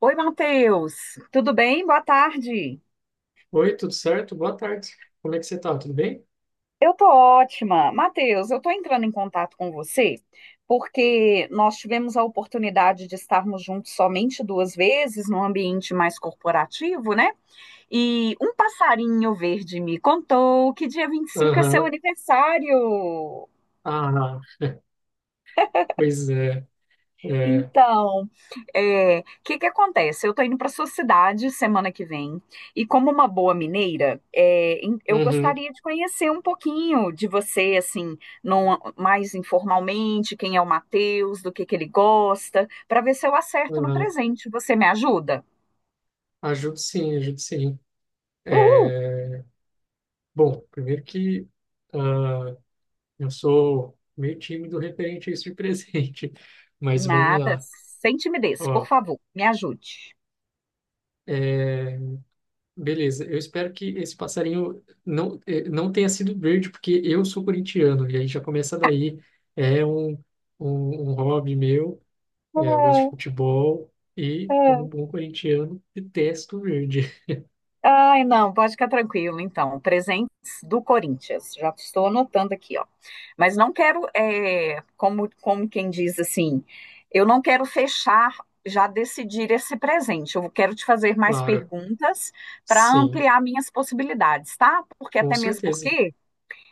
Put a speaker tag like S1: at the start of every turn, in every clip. S1: Oi, Matheus. Tudo bem? Boa tarde.
S2: Oi, tudo certo? Boa tarde. Como é que você tá? Tudo bem?
S1: Eu tô ótima. Matheus, eu tô entrando em contato com você porque nós tivemos a oportunidade de estarmos juntos somente duas vezes num ambiente mais corporativo, né? E um passarinho verde me contou que dia 25 é seu
S2: Aham.
S1: aniversário.
S2: Ah, pois é. É.
S1: Então, o que que acontece? Eu tô indo para sua cidade semana que vem e como uma boa mineira, eu
S2: Uhum.
S1: gostaria de conhecer um pouquinho de você, assim, mais informalmente, quem é o Matheus, do que ele gosta, para ver se eu acerto no
S2: Aham.
S1: presente. Você me ajuda?
S2: Ajudo sim, ajudo sim.
S1: Uhul!
S2: É, Bom, primeiro que ah, eu sou meio tímido referente a isso de presente, mas vamos
S1: Nada,
S2: lá.
S1: sem timidez,
S2: Ó,
S1: por favor, me ajude.
S2: é, beleza, eu espero que esse passarinho não, não tenha sido verde, porque eu sou corintiano, e aí já começa daí. É um hobby meu. É, eu gosto de futebol e, como um bom corintiano, detesto o verde.
S1: Ai, não, pode ficar tranquilo, então. Presentes do Corinthians. Já estou anotando aqui, ó. Mas não quero, como quem diz assim, eu não quero fechar, já decidir esse presente. Eu quero te fazer mais
S2: Claro.
S1: perguntas para
S2: Sim,
S1: ampliar minhas possibilidades, tá? Porque
S2: com
S1: até mesmo
S2: certeza.
S1: porque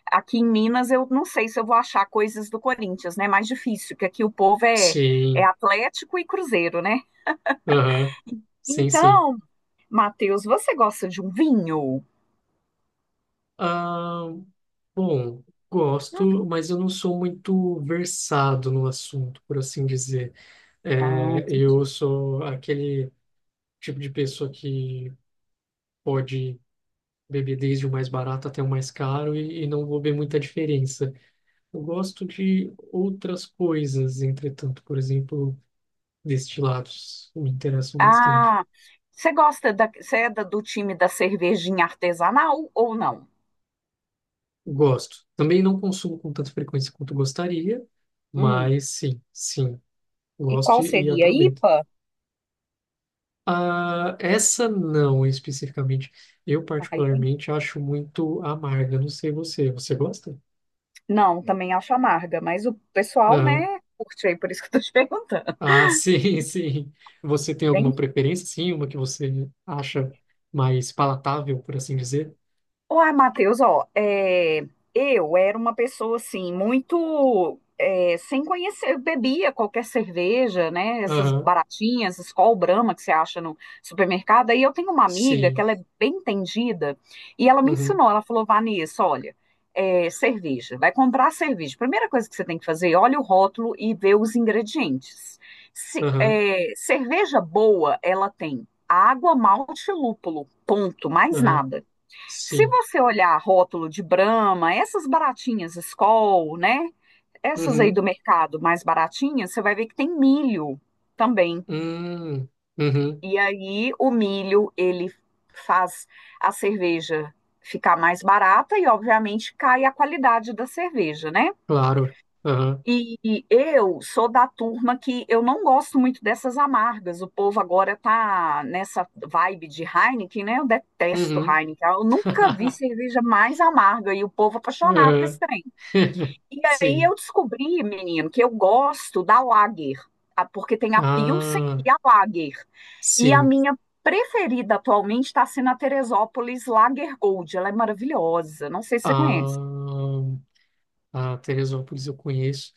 S1: aqui em Minas eu não sei se eu vou achar coisas do Corinthians, né? É mais difícil, porque aqui o povo é,
S2: Sim.
S1: Atlético e Cruzeiro, né?
S2: Aham. Sim, sim.
S1: Então, Matheus, você gosta de um vinho?
S2: Ah, bom, gosto, mas eu não sou muito versado no assunto, por assim dizer.
S1: Ah,
S2: É, eu
S1: entendi.
S2: sou aquele tipo de pessoa que pode beber desde o mais barato até o mais caro e não vou ver muita diferença. Eu gosto de outras coisas, entretanto, por exemplo. Destilados me interessam bastante.
S1: Ah, você gosta da, você é do time da cervejinha artesanal ou não?
S2: Gosto. Também não consumo com tanta frequência quanto gostaria,
S1: Hum.
S2: mas sim, sim,
S1: E
S2: gosto
S1: qual
S2: e
S1: seria?
S2: aproveito.
S1: IPA?
S2: Ah, essa não especificamente. Eu
S1: Ah, IPA?
S2: particularmente acho muito amarga. Não sei você. Você gosta?
S1: Não, também acho amarga, mas o pessoal,
S2: Ah,
S1: né, curte aí, por isso que eu tô te perguntando.
S2: ah, sim, sim. Você tem alguma preferência? Sim, uma que você acha mais palatável, por assim dizer?
S1: Uai, Matheus, ó, eu era uma pessoa assim, muito sem conhecer, eu bebia qualquer cerveja, né? Essas
S2: Aham,
S1: baratinhas, Skol Brahma que você acha no supermercado. Aí eu tenho uma amiga que
S2: sim.
S1: ela é bem entendida e ela me
S2: Uhum,
S1: ensinou, ela falou, Vanessa, olha, cerveja, vai comprar cerveja. Primeira coisa que você tem que fazer, olha o rótulo e vê os ingredientes.
S2: aham,
S1: Cerveja boa, ela tem água, malte e lúpulo, ponto, mais
S2: aham,
S1: nada. Se
S2: sim.
S1: você olhar rótulo de Brahma, essas baratinhas Skol, né? Essas aí do
S2: Uhum.
S1: mercado mais baratinhas, você vai ver que tem milho também.
S2: Hum, uhum,
S1: E aí o milho, ele faz a cerveja ficar mais barata e, obviamente, cai a qualidade da cerveja, né?
S2: claro. Aham,
S1: E eu sou da turma que eu não gosto muito dessas amargas. O povo agora tá nessa vibe de Heineken, né? Eu detesto
S2: uhum,
S1: Heineken. Eu nunca vi cerveja mais amarga e o povo apaixonado com esse
S2: aham,
S1: trem. E aí
S2: Sim.
S1: eu descobri, menino, que eu gosto da Lager, porque tem a Pilsen
S2: Ah,
S1: e a Lager. E a
S2: sim.
S1: minha preferida atualmente está sendo a Teresópolis Lager Gold. Ela é maravilhosa. Não sei se você conhece.
S2: Ah, a Teresópolis eu conheço.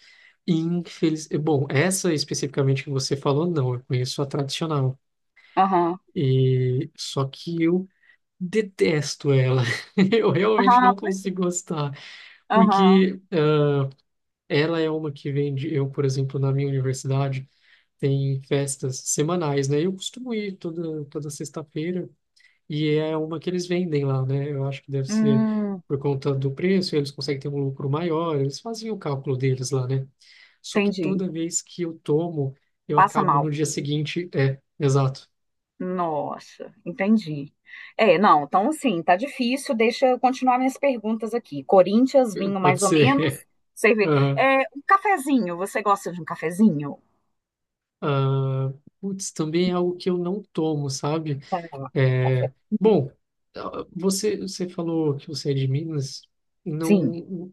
S2: Bom, essa especificamente que você falou, não. Eu conheço a tradicional.
S1: Aham.
S2: E... Só que eu detesto ela. Eu realmente
S1: Aham,
S2: não
S1: pois
S2: consigo
S1: é.
S2: gostar.
S1: Aham.
S2: Porque ela é uma que vende... Eu, por exemplo, na minha universidade, tem festas semanais, né? Eu costumo ir toda sexta-feira e é uma que eles vendem lá, né? Eu acho que deve ser
S1: Hum.
S2: por conta do preço, eles conseguem ter um lucro maior, eles fazem o cálculo deles lá, né? Só que
S1: Entendi.
S2: toda vez que eu tomo, eu
S1: Passa
S2: acabo
S1: mal.
S2: no dia seguinte. É, exato.
S1: Nossa, entendi. É, não, então assim, tá difícil. Deixa eu continuar minhas perguntas aqui. Corinthians, vinho
S2: Pode
S1: mais ou
S2: ser.
S1: menos. Você vê.
S2: Ah,
S1: Um cafezinho, você gosta de um cafezinho?
S2: ah, putz, também é algo que eu não tomo, sabe?
S1: Tá,
S2: É, bom, você, você falou que você é de Minas.
S1: cafezinho.
S2: Não,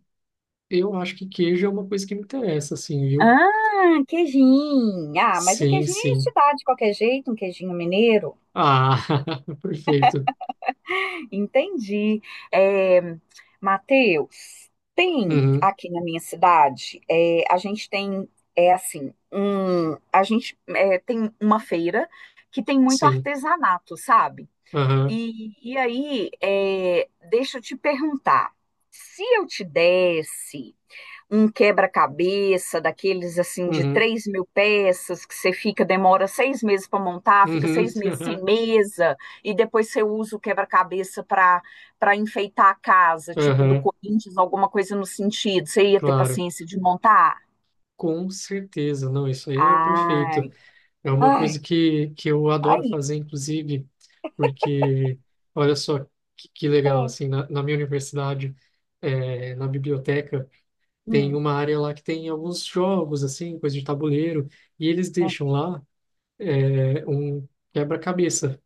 S2: eu acho que queijo é uma coisa que me interessa, assim, viu?
S1: Ah, queijinho. Ah, mas o
S2: Sim,
S1: queijinho a
S2: sim.
S1: gente dá de qualquer jeito, um queijinho mineiro.
S2: Ah, perfeito.
S1: Entendi. É, Matheus, tem
S2: Uhum,
S1: aqui na minha cidade, a gente tem, é assim, um, a gente tem uma feira que tem muito
S2: sim.
S1: artesanato, sabe?
S2: Aham,
S1: E aí, deixa eu te perguntar, se eu te desse um quebra-cabeça daqueles assim de
S2: uhum,
S1: 3.000 peças que você fica, demora 6 meses para montar, fica
S2: uhum,
S1: seis meses sem
S2: aham,
S1: mesa, e depois você usa o quebra-cabeça para enfeitar a casa, tipo do Corinthians, alguma coisa no sentido. Você ia ter
S2: claro.
S1: paciência de montar?
S2: Com certeza. Não, isso aí é
S1: Ai,
S2: perfeito. É uma
S1: ai,
S2: coisa que eu
S1: tá
S2: adoro
S1: aí.
S2: fazer, inclusive, porque, olha só, que legal,
S1: É,
S2: assim, na minha universidade, na biblioteca, tem
S1: Hum,
S2: uma área lá que tem alguns jogos, assim, coisa de tabuleiro, e eles
S1: é.
S2: deixam lá um quebra-cabeça.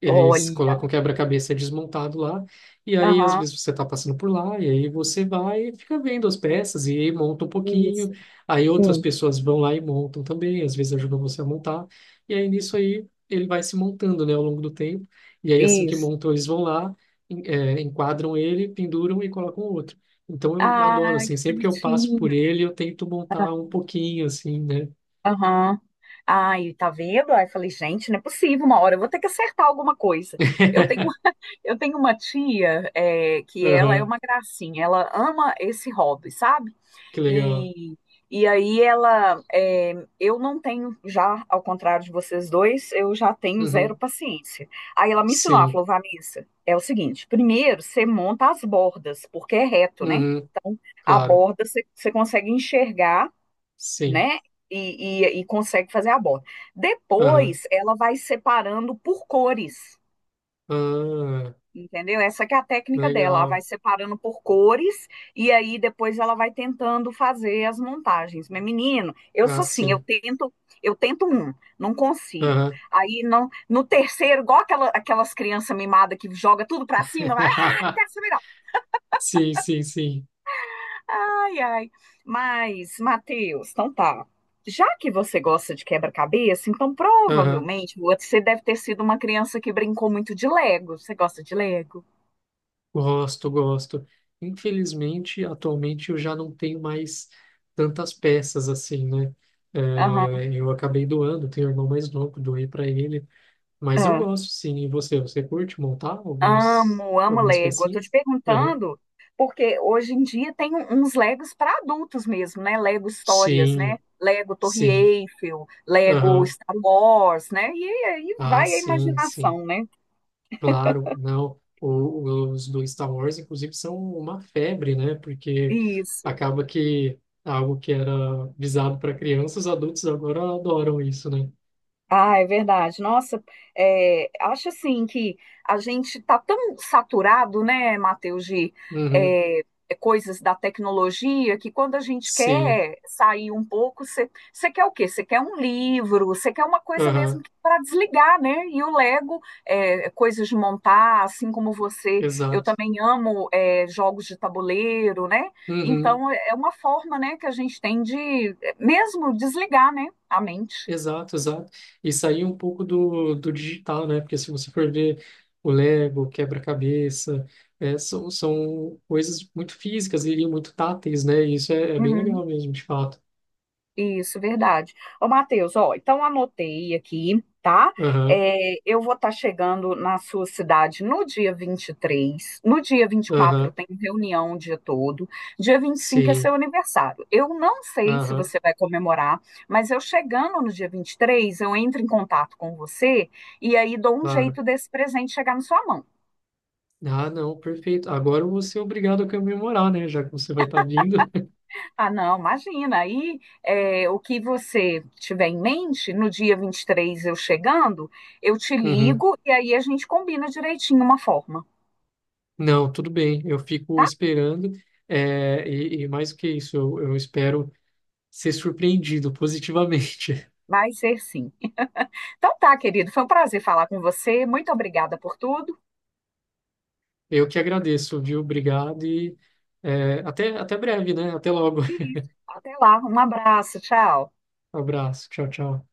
S2: Eles
S1: Olha,
S2: colocam o quebra-cabeça desmontado lá, e aí às
S1: aham,
S2: vezes você está passando por lá, e aí você vai e fica vendo as peças e aí monta um pouquinho,
S1: isso,
S2: aí outras
S1: hum,
S2: pessoas vão lá e montam também, às vezes ajudam você a montar, e aí nisso aí ele vai se montando, né, ao longo do tempo, e aí assim que
S1: isso.
S2: montam eles vão lá, enquadram ele, penduram e colocam outro. Então eu adoro,
S1: Ai,
S2: assim,
S1: que
S2: sempre que eu passo por
S1: bonitinho.
S2: ele, eu tento montar um pouquinho, assim, né?
S1: Aham. Ai, tá vendo? Aí eu falei, gente, não é possível, uma hora eu vou ter que acertar alguma coisa. Eu tenho, eu tenho uma tia, que ela é
S2: Aham,
S1: uma gracinha, ela ama esse hobby, sabe?
S2: que legal.
S1: E, e aí ela, eu não tenho, já, ao contrário de vocês dois, eu já tenho zero
S2: Uhum.
S1: paciência. Aí ela me ensinou, ela
S2: Sim.
S1: falou, Vanessa, é o seguinte, primeiro você monta as bordas, porque é reto, né?
S2: Uhum.
S1: Então, a
S2: Claro.
S1: borda você consegue enxergar,
S2: Sim.
S1: né? E consegue fazer a borda.
S2: Aham.
S1: Depois, ela vai separando por cores,
S2: Ah,
S1: entendeu? Essa que é a técnica dela. Ela vai
S2: legal.
S1: separando por cores e aí depois ela vai tentando fazer as montagens. Mas, menino, eu
S2: Ah,
S1: sou assim, eu
S2: sim.
S1: tento, eu tento um, não consigo.
S2: Aham.
S1: Aí não, no terceiro, igual aquelas crianças mimadas que joga tudo pra cima, vai, ah, não quero saber.
S2: Sim, sim, sim.
S1: Ai, ai. Mas, Matheus, então tá. Já que você gosta de quebra-cabeça, então
S2: Aham.
S1: provavelmente você deve ter sido uma criança que brincou muito de Lego. Você gosta de Lego?
S2: Gosto, gosto. Infelizmente, atualmente eu já não tenho mais tantas peças assim, né?
S1: Aham.
S2: É, eu acabei doando, tenho um irmão mais novo, doei para ele. Mas eu
S1: Ah,
S2: gosto, sim. E você? Você curte montar alguns,
S1: amo
S2: algumas
S1: Lego. Eu tô te
S2: pecinhas? Aham.
S1: perguntando porque hoje em dia tem uns Legos para adultos mesmo, né? Lego Histórias, né?
S2: Sim,
S1: Lego Torre
S2: sim.
S1: Eiffel, Lego
S2: Aham.
S1: Star Wars, né? E aí
S2: Ah,
S1: vai a
S2: sim, sim.
S1: imaginação, né?
S2: Claro, não. O- os do Star Wars, inclusive, são uma febre, né? Porque
S1: Isso.
S2: acaba que algo que era visado para crianças, adultos agora adoram isso, né?
S1: Ah, é verdade. Nossa, acho assim que a gente está tão saturado, né, Matheus, de
S2: Uhum,
S1: é, coisas da tecnologia, que quando a gente
S2: sim,
S1: quer sair um pouco, você quer o quê? Você quer um livro, você quer uma coisa mesmo
S2: aham,
S1: para desligar, né? E o Lego, coisas de montar, assim como você, eu
S2: exato.
S1: também amo jogos de tabuleiro, né?
S2: Uhum,
S1: Então, é uma forma, né, que a gente tem de mesmo desligar, né, a mente.
S2: exato, exato. E sair um pouco do, do digital, né? Porque se você for ver o Lego, o quebra-cabeça, é, são coisas muito físicas e muito táteis, né? E isso é, é bem
S1: Uhum.
S2: legal mesmo, de fato.
S1: Isso, verdade. Ô, Matheus, ó, então anotei aqui, tá?
S2: Aham,
S1: É, eu vou estar chegando na sua cidade no dia 23. No dia 24
S2: aham,
S1: tem reunião o dia todo. Dia 25 é
S2: sim.
S1: seu aniversário. Eu não sei se
S2: Aham,
S1: você vai comemorar, mas eu chegando no dia 23 eu entro em contato com você e aí dou um
S2: claro.
S1: jeito desse presente chegar na sua mão.
S2: Ah, não, perfeito. Agora eu vou ser obrigado a comemorar, né? Já que você vai estar vindo.
S1: Ah, não, imagina. Aí, o que você tiver em mente, no dia 23 eu chegando, eu te
S2: Uhum.
S1: ligo e aí a gente combina direitinho uma forma.
S2: Não, tudo bem. Eu fico esperando. É, e mais do que isso, eu espero ser surpreendido positivamente.
S1: Vai ser sim. Então tá, querido, foi um prazer falar com você. Muito obrigada por tudo.
S2: Eu que agradeço, viu? Obrigado e é, até breve, né? Até logo.
S1: E isso, até lá, um abraço, tchau.
S2: Abraço. Tchau, tchau.